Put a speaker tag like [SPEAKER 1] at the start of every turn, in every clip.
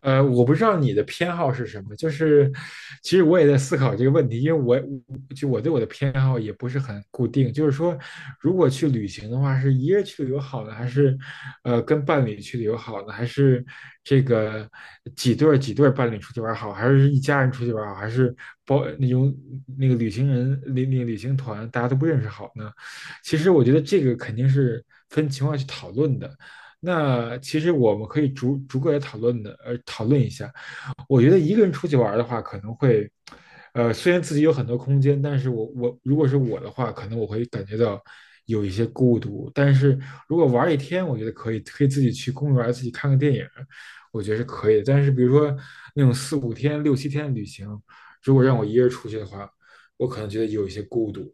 [SPEAKER 1] 我不知道你的偏好是什么，就是其实我也在思考这个问题，因为我我对我的偏好也不是很固定，就是说，如果去旅行的话，是一个人去旅游好呢，还是跟伴侣去旅游好呢，还是这个几对儿伴侣出去玩儿好，还是一家人出去玩儿好，还是包那种那个旅行人那那个旅行团大家都不认识好呢？其实我觉得这个肯定是分情况去讨论的，那其实我们可以逐个来讨论的，讨论一下。我觉得一个人出去玩的话，可能会，虽然自己有很多空间，但是我如果是我的话，可能我会感觉到有一些孤独。但是如果玩一天，我觉得可以，可以自己去公园自己看个电影，我觉得是可以的。但是比如说那种四五天、六七天的旅行，如果让我一个人出去的话，我可能觉得有一些孤独。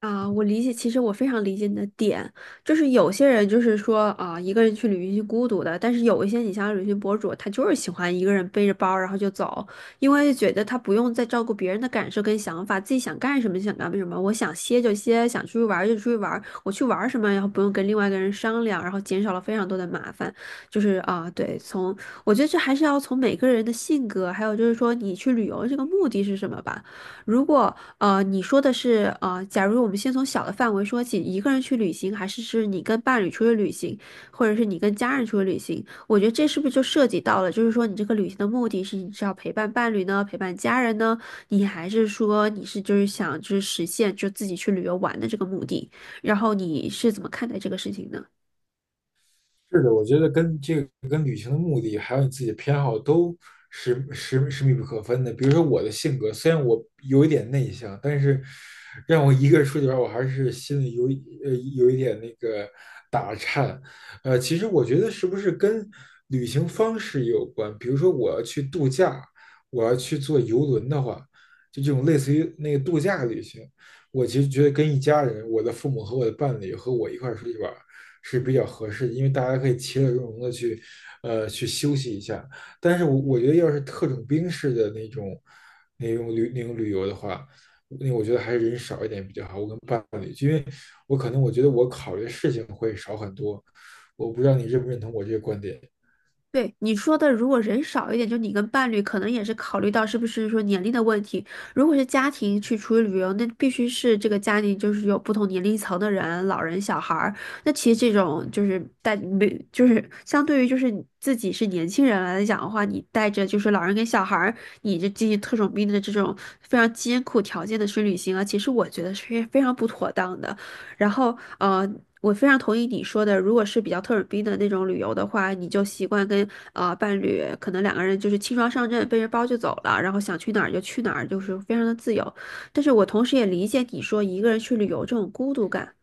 [SPEAKER 2] 啊，我理解，其实我非常理解你的点，就是有些人就是说啊，一个人去旅行是孤独的，但是有一些你像旅行博主，他就是喜欢一个人背着包然后就走，因为觉得他不用再照顾别人的感受跟想法，自己想干什么就想干什么，我想歇就歇，想出去玩儿就出去玩儿我去玩儿什么，然后不用跟另外一个人商量，然后减少了非常多的麻烦，就是啊，对，从我觉得这还是要从每个人的性格，还有就是说你去旅游这个目的是什么吧。如果你说的是，假如我们先从小的范围说起，一个人去旅行，还是是你跟伴侣出去旅行，或者是你跟家人出去旅行？我觉得这是不是就涉及到了，就是说你这个旅行的目的是你是要陪伴伴侣呢，陪伴家人呢，你还是说你是就是想就是实现就自己去旅游玩的这个目的？然后你是怎么看待这个事情呢？
[SPEAKER 1] 是的，我觉得跟这个跟旅行的目的，还有你自己的偏好都是密不可分的。比如说我的性格，虽然我有一点内向，但是让我一个人出去玩儿，我还是心里有一点那个其实我觉得是不是跟旅行方式也有关？比如说我要去度假，我要去坐游轮的话，就这种类似于那个度假旅行，我其实觉得跟一家人，我的父母和我的伴侣和我一块儿出去玩儿是比较合适的，因为大家可以其乐融融的去，去休息一下。但是我觉得要是特种兵式的那种那种旅游的话，那我觉得还是人少一点比较好。我跟伴侣，因为我可能我觉得我考虑的事情会少很多。我不知道你认不认同我这个观点。
[SPEAKER 2] 对你说的，如果人少一点，就你跟伴侣，可能也是考虑到是不是说年龄的问题。如果是家庭去出去旅游，那必须是这个家庭就是有不同年龄层的人，老人、小孩儿。那其实这种就是带没，就是相对于就是你自己是年轻人来讲的话，你带着就是老人跟小孩儿，你这进行特种兵的这种非常艰苦条件的去旅行啊，其实我觉得是非常不妥当的。然后我非常同意你说的，如果是比较特种兵的那种旅游的话，你就习惯跟伴侣，可能两个人就是轻装上阵，背着包就走了，然后想去哪儿就去哪儿，就是非常的自由。但是我同时也理解你说一个人去旅游这种孤独感。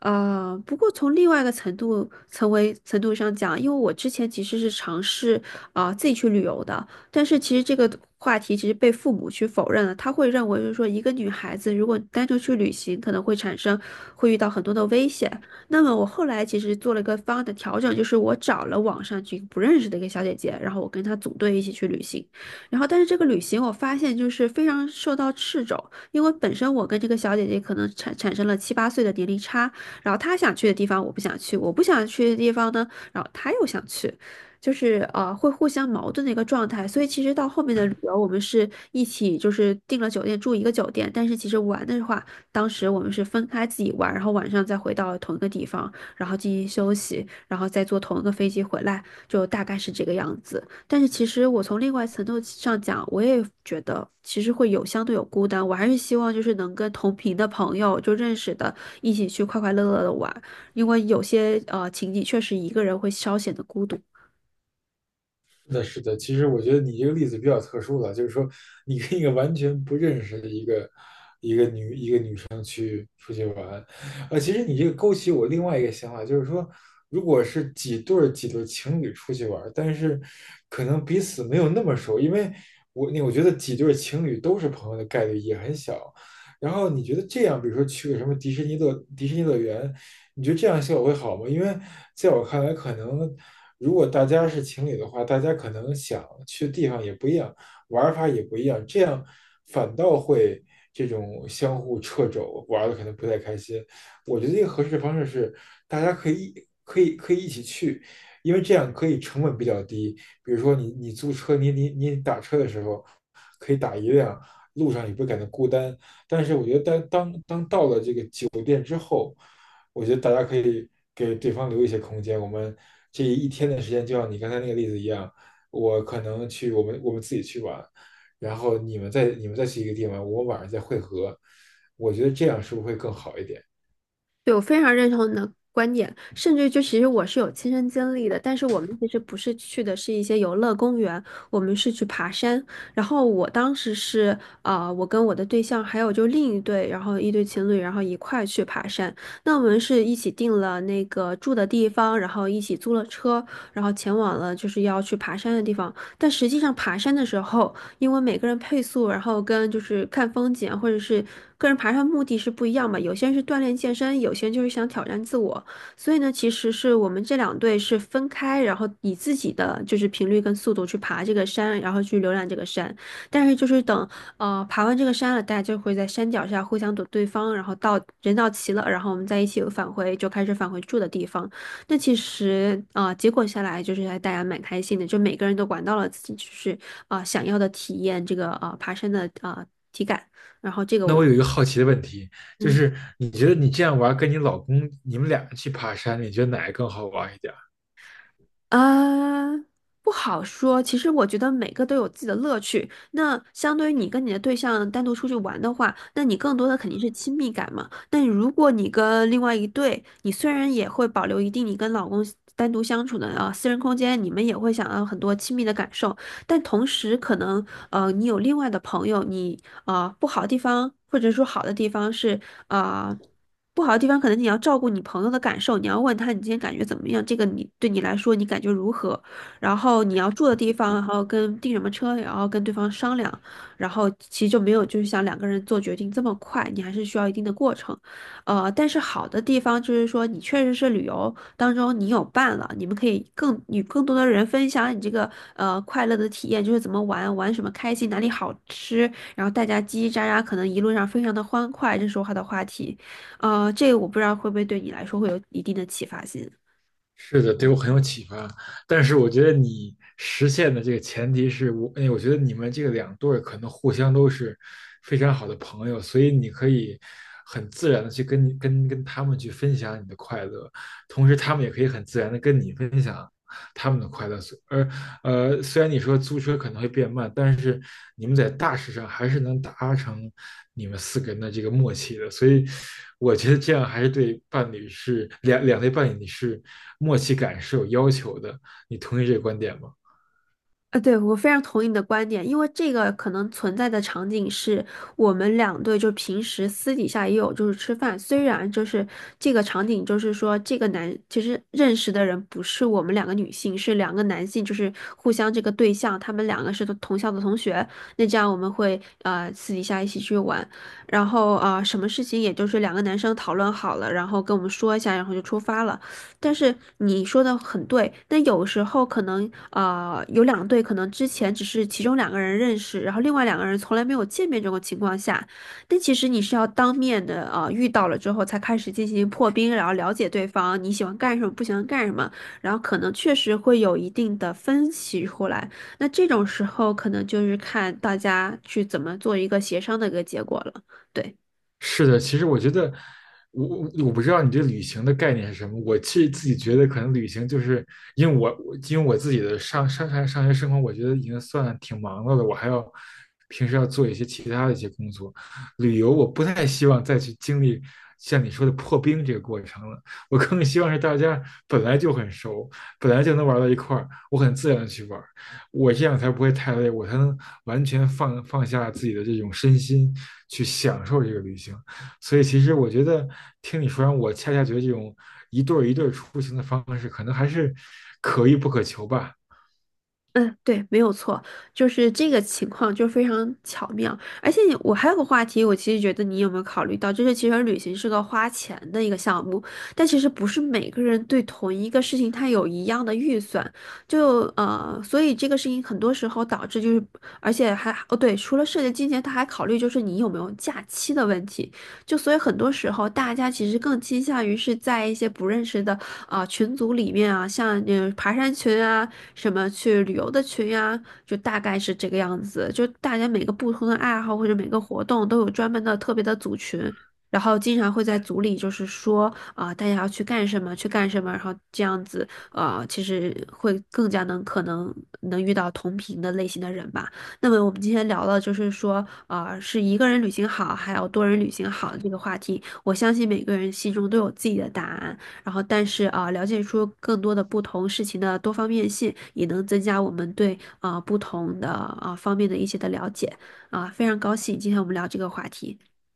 [SPEAKER 2] 不过从另外一个程度、层为程度上讲，因为我之前其实是尝试自己去旅游的，但是其实这个话题其实被父母去否认了，他会认为就是说，一个女孩子如果单独去旅行，可能会产生会遇到很多的危险。那么我后来其实做了一个方案的调整，就是我找了网上去不认识的一个小姐姐，然后我跟她组队一起去旅行。然后但是这个旅行我发现就是非常受到掣肘，因为本身我跟这个小姐姐可能产生了七八岁的年龄差，然后她想去的地方我不想去，我不想去的地方呢，然后她又想去。就是会互相矛盾的一个状态。所以其实到后面的旅游，我们是一起就是订了酒店住一个酒店，但是其实玩的话，当时我们是分开自己玩，然后晚上再回到同一个地方，然后进行休息，然后再坐同一个飞机回来，就大概是这个样子。但是其实我从另外层度上讲，我也觉得其实会有相对有孤单，我还是希望就是能跟同频的朋友就认识的，一起去快快乐乐的玩，因为有些情景确实一个人会稍显得孤独。
[SPEAKER 1] 那是的，其实我觉得你这个例子比较特殊了，就是说你跟一个完全不认识的一个出去玩。呃，其实你这个勾起我另外一个想法，就是说，如果是几对儿情侣出去玩儿，但是可能彼此没有那么熟，因为我觉得几对儿情侣都是朋友的概率也很小。然后你觉得这样，比如说去个什么迪士尼乐园，你觉得这样效果会好吗？因为在我看来，可能如果大家是情侣的话，大家可能想去的地方也不一样。玩法也不一样，这样反倒会这种相互掣肘，玩的可能不太开心。我觉得一个合适的方式是，大家可以可以一起去，因为这样可以成本比较低。比如说你租车，你打车的时候可以打一辆，路上也不会感到孤单。但是我觉得当当当道我觉得大家可以给对方留一些空间。我们这一天的时间，就像你刚才那个例子一样，我可能去我们自己去玩，然后你们再去一个地方，我晚上再会合。我觉得这样是不是会更好一点？
[SPEAKER 2] 对，我非常认同你的观点，甚至就其实我是有亲身经历的，但是我们其实不是去的是一些游乐公园，我们是去爬山。然后我当时是啊，我跟我的对象还有就另一对，然后一对情侣，然后一块去爬山。那我们是一起订了那个住的地方，然后一起租了车，然后前往了就是要去爬山的地方。但实际上爬山的时候，因为每个人配速，然后跟就是看风景啊或者是个人爬山目的是不一样嘛。有些人是锻炼健身，有些人就是想挑战自我。所以呢，其实是我们这两队是分开，然后以自己的就是频率跟速度去爬这个山，然后去浏览这个山。但是就是等爬完这个山了，大家就会在山脚下互相躲对方，然后到人到齐了，然后我们再一起返回，就开始返回住的地方。那其实结果下来就是还大家蛮开心的，就每个人都管到了自己就是想要的体验，这个爬山的体感。然后这个
[SPEAKER 1] 那
[SPEAKER 2] 我，
[SPEAKER 1] 我有一个好奇的问题，就
[SPEAKER 2] 嗯
[SPEAKER 1] 是你觉得你这样玩，跟你老公你们俩去爬山，你觉得哪个更好玩一点？
[SPEAKER 2] 啊，不好说。其实我觉得每个都有自己的乐趣。那相对于你跟你的对象单独出去玩的话，那你更多的肯定是亲密感嘛。那如果你跟另外一对，你虽然也会保留一定你跟老公单独相处的啊私人空间，你们也会想要很多亲密的感受，但同时可能你有另外的朋友，你啊不好的地方或者说好的地方是啊。不好的地方，可能你要照顾你朋友的感受，你要问他你今天感觉怎么样，这个你对你来说你感觉如何，然后你要住的地方，然后跟订什么车，然后跟对方商量，然后其实就没有就是像两个人做决定这么快，你还是需要一定的过程，但是好的地方就是说你确实是旅游当中你有伴了，你们可以更与更多的人分享你这个快乐的体验，就是怎么玩，玩什么开心，哪里好吃，然后大家叽叽喳喳，可能一路上非常的欢快，这是我好的话题。这个我不知道会不会对你来说会有一定的启发性。
[SPEAKER 1] 是的，对我很有启发。但是我觉得你实现的这个前提是我，哎，我觉得你们这个两对儿可能互相都是非常好的朋友，所以你可以很自然的去跟你跟跟他们去分享你的快乐，同时他们也可以很自然的跟你分享他们的快乐。呃，虽然你说租车可能会变慢，但是你们在大事上还是能达成你们四个人的这个默契的，所以我觉得这样还是对伴侣是两两对伴侣你是默契感是有要求的。你同意这个观点吗？
[SPEAKER 2] 啊，对，我非常同意你的观点，因为这个可能存在的场景是我们两队就平时私底下也有就是吃饭，虽然就是这个场景就是说这个男其实认识的人不是我们两个女性，是两个男性，就是互相这个对象，他们两个是同校的同学，那这样我们会私底下一起去玩，然后什么事情也就是两个男生讨论好了，然后跟我们说一下，然后就出发了。但是你说的很对，那有时候可能有两队，可能之前只是其中两个人认识，然后另外两个人从来没有见面这种情况下，但其实你是要当面的遇到了之后才开始进行破冰，然后了解对方你喜欢干什么，不喜欢干什么，然后可能确实会有一定的分歧出来。那这种时候可能就是看大家去怎么做一个协商的一个结果了，对。
[SPEAKER 1] 是的，其实我觉得，我不知道你对旅行的概念是什么。我其实自己觉得，可能旅行就是因为我自己的上学生活，我觉得已经算挺忙碌的，我还要平时要做一些其他的一些工作。旅游我不太希望再去经历像你说的破冰这个过程了，我更希望是大家本来就很熟，本来就能玩到一块儿，我很自然的去玩。我这样才不会太累，我才能完全放下自己的这种身心，去享受这个旅行。所以其实我觉得听你说完，我恰恰觉得这种一对一对出行的方式，可能还是可遇不可求吧。
[SPEAKER 2] 嗯，对，没有错，就是这个情况就非常巧妙。而且我还有个话题，我其实觉得你有没有考虑到，就是其实旅行是个花钱的一个项目，但其实不是每个人对同一个事情他有一样的预算，就所以这个事情很多时候导致就是，而且还哦对，除了涉及金钱，他还考虑就是你有没有假期的问题。就所以很多时候，大家其实更倾向于是在一些不认识的群组里面啊，像嗯爬山群啊，什么去旅游的群呀、就大概是这个样子。就大家每个不同的爱好或者每个活动都有专门的特别的组群，然后经常会在组里就是说啊、大家要去干什么，去干什么，然后这样子啊，其实会更加能可能能遇到同频的类型的人吧。那么我们今天聊了，就是说，是一个人旅行好，还有多人旅行好的这个话题。我相信每个人心中都有自己的答案，然后但是了解出更多的不同事情的多方面性，也能增加我们对不同的方面的一些的了解非常高兴今天我们聊这个话题。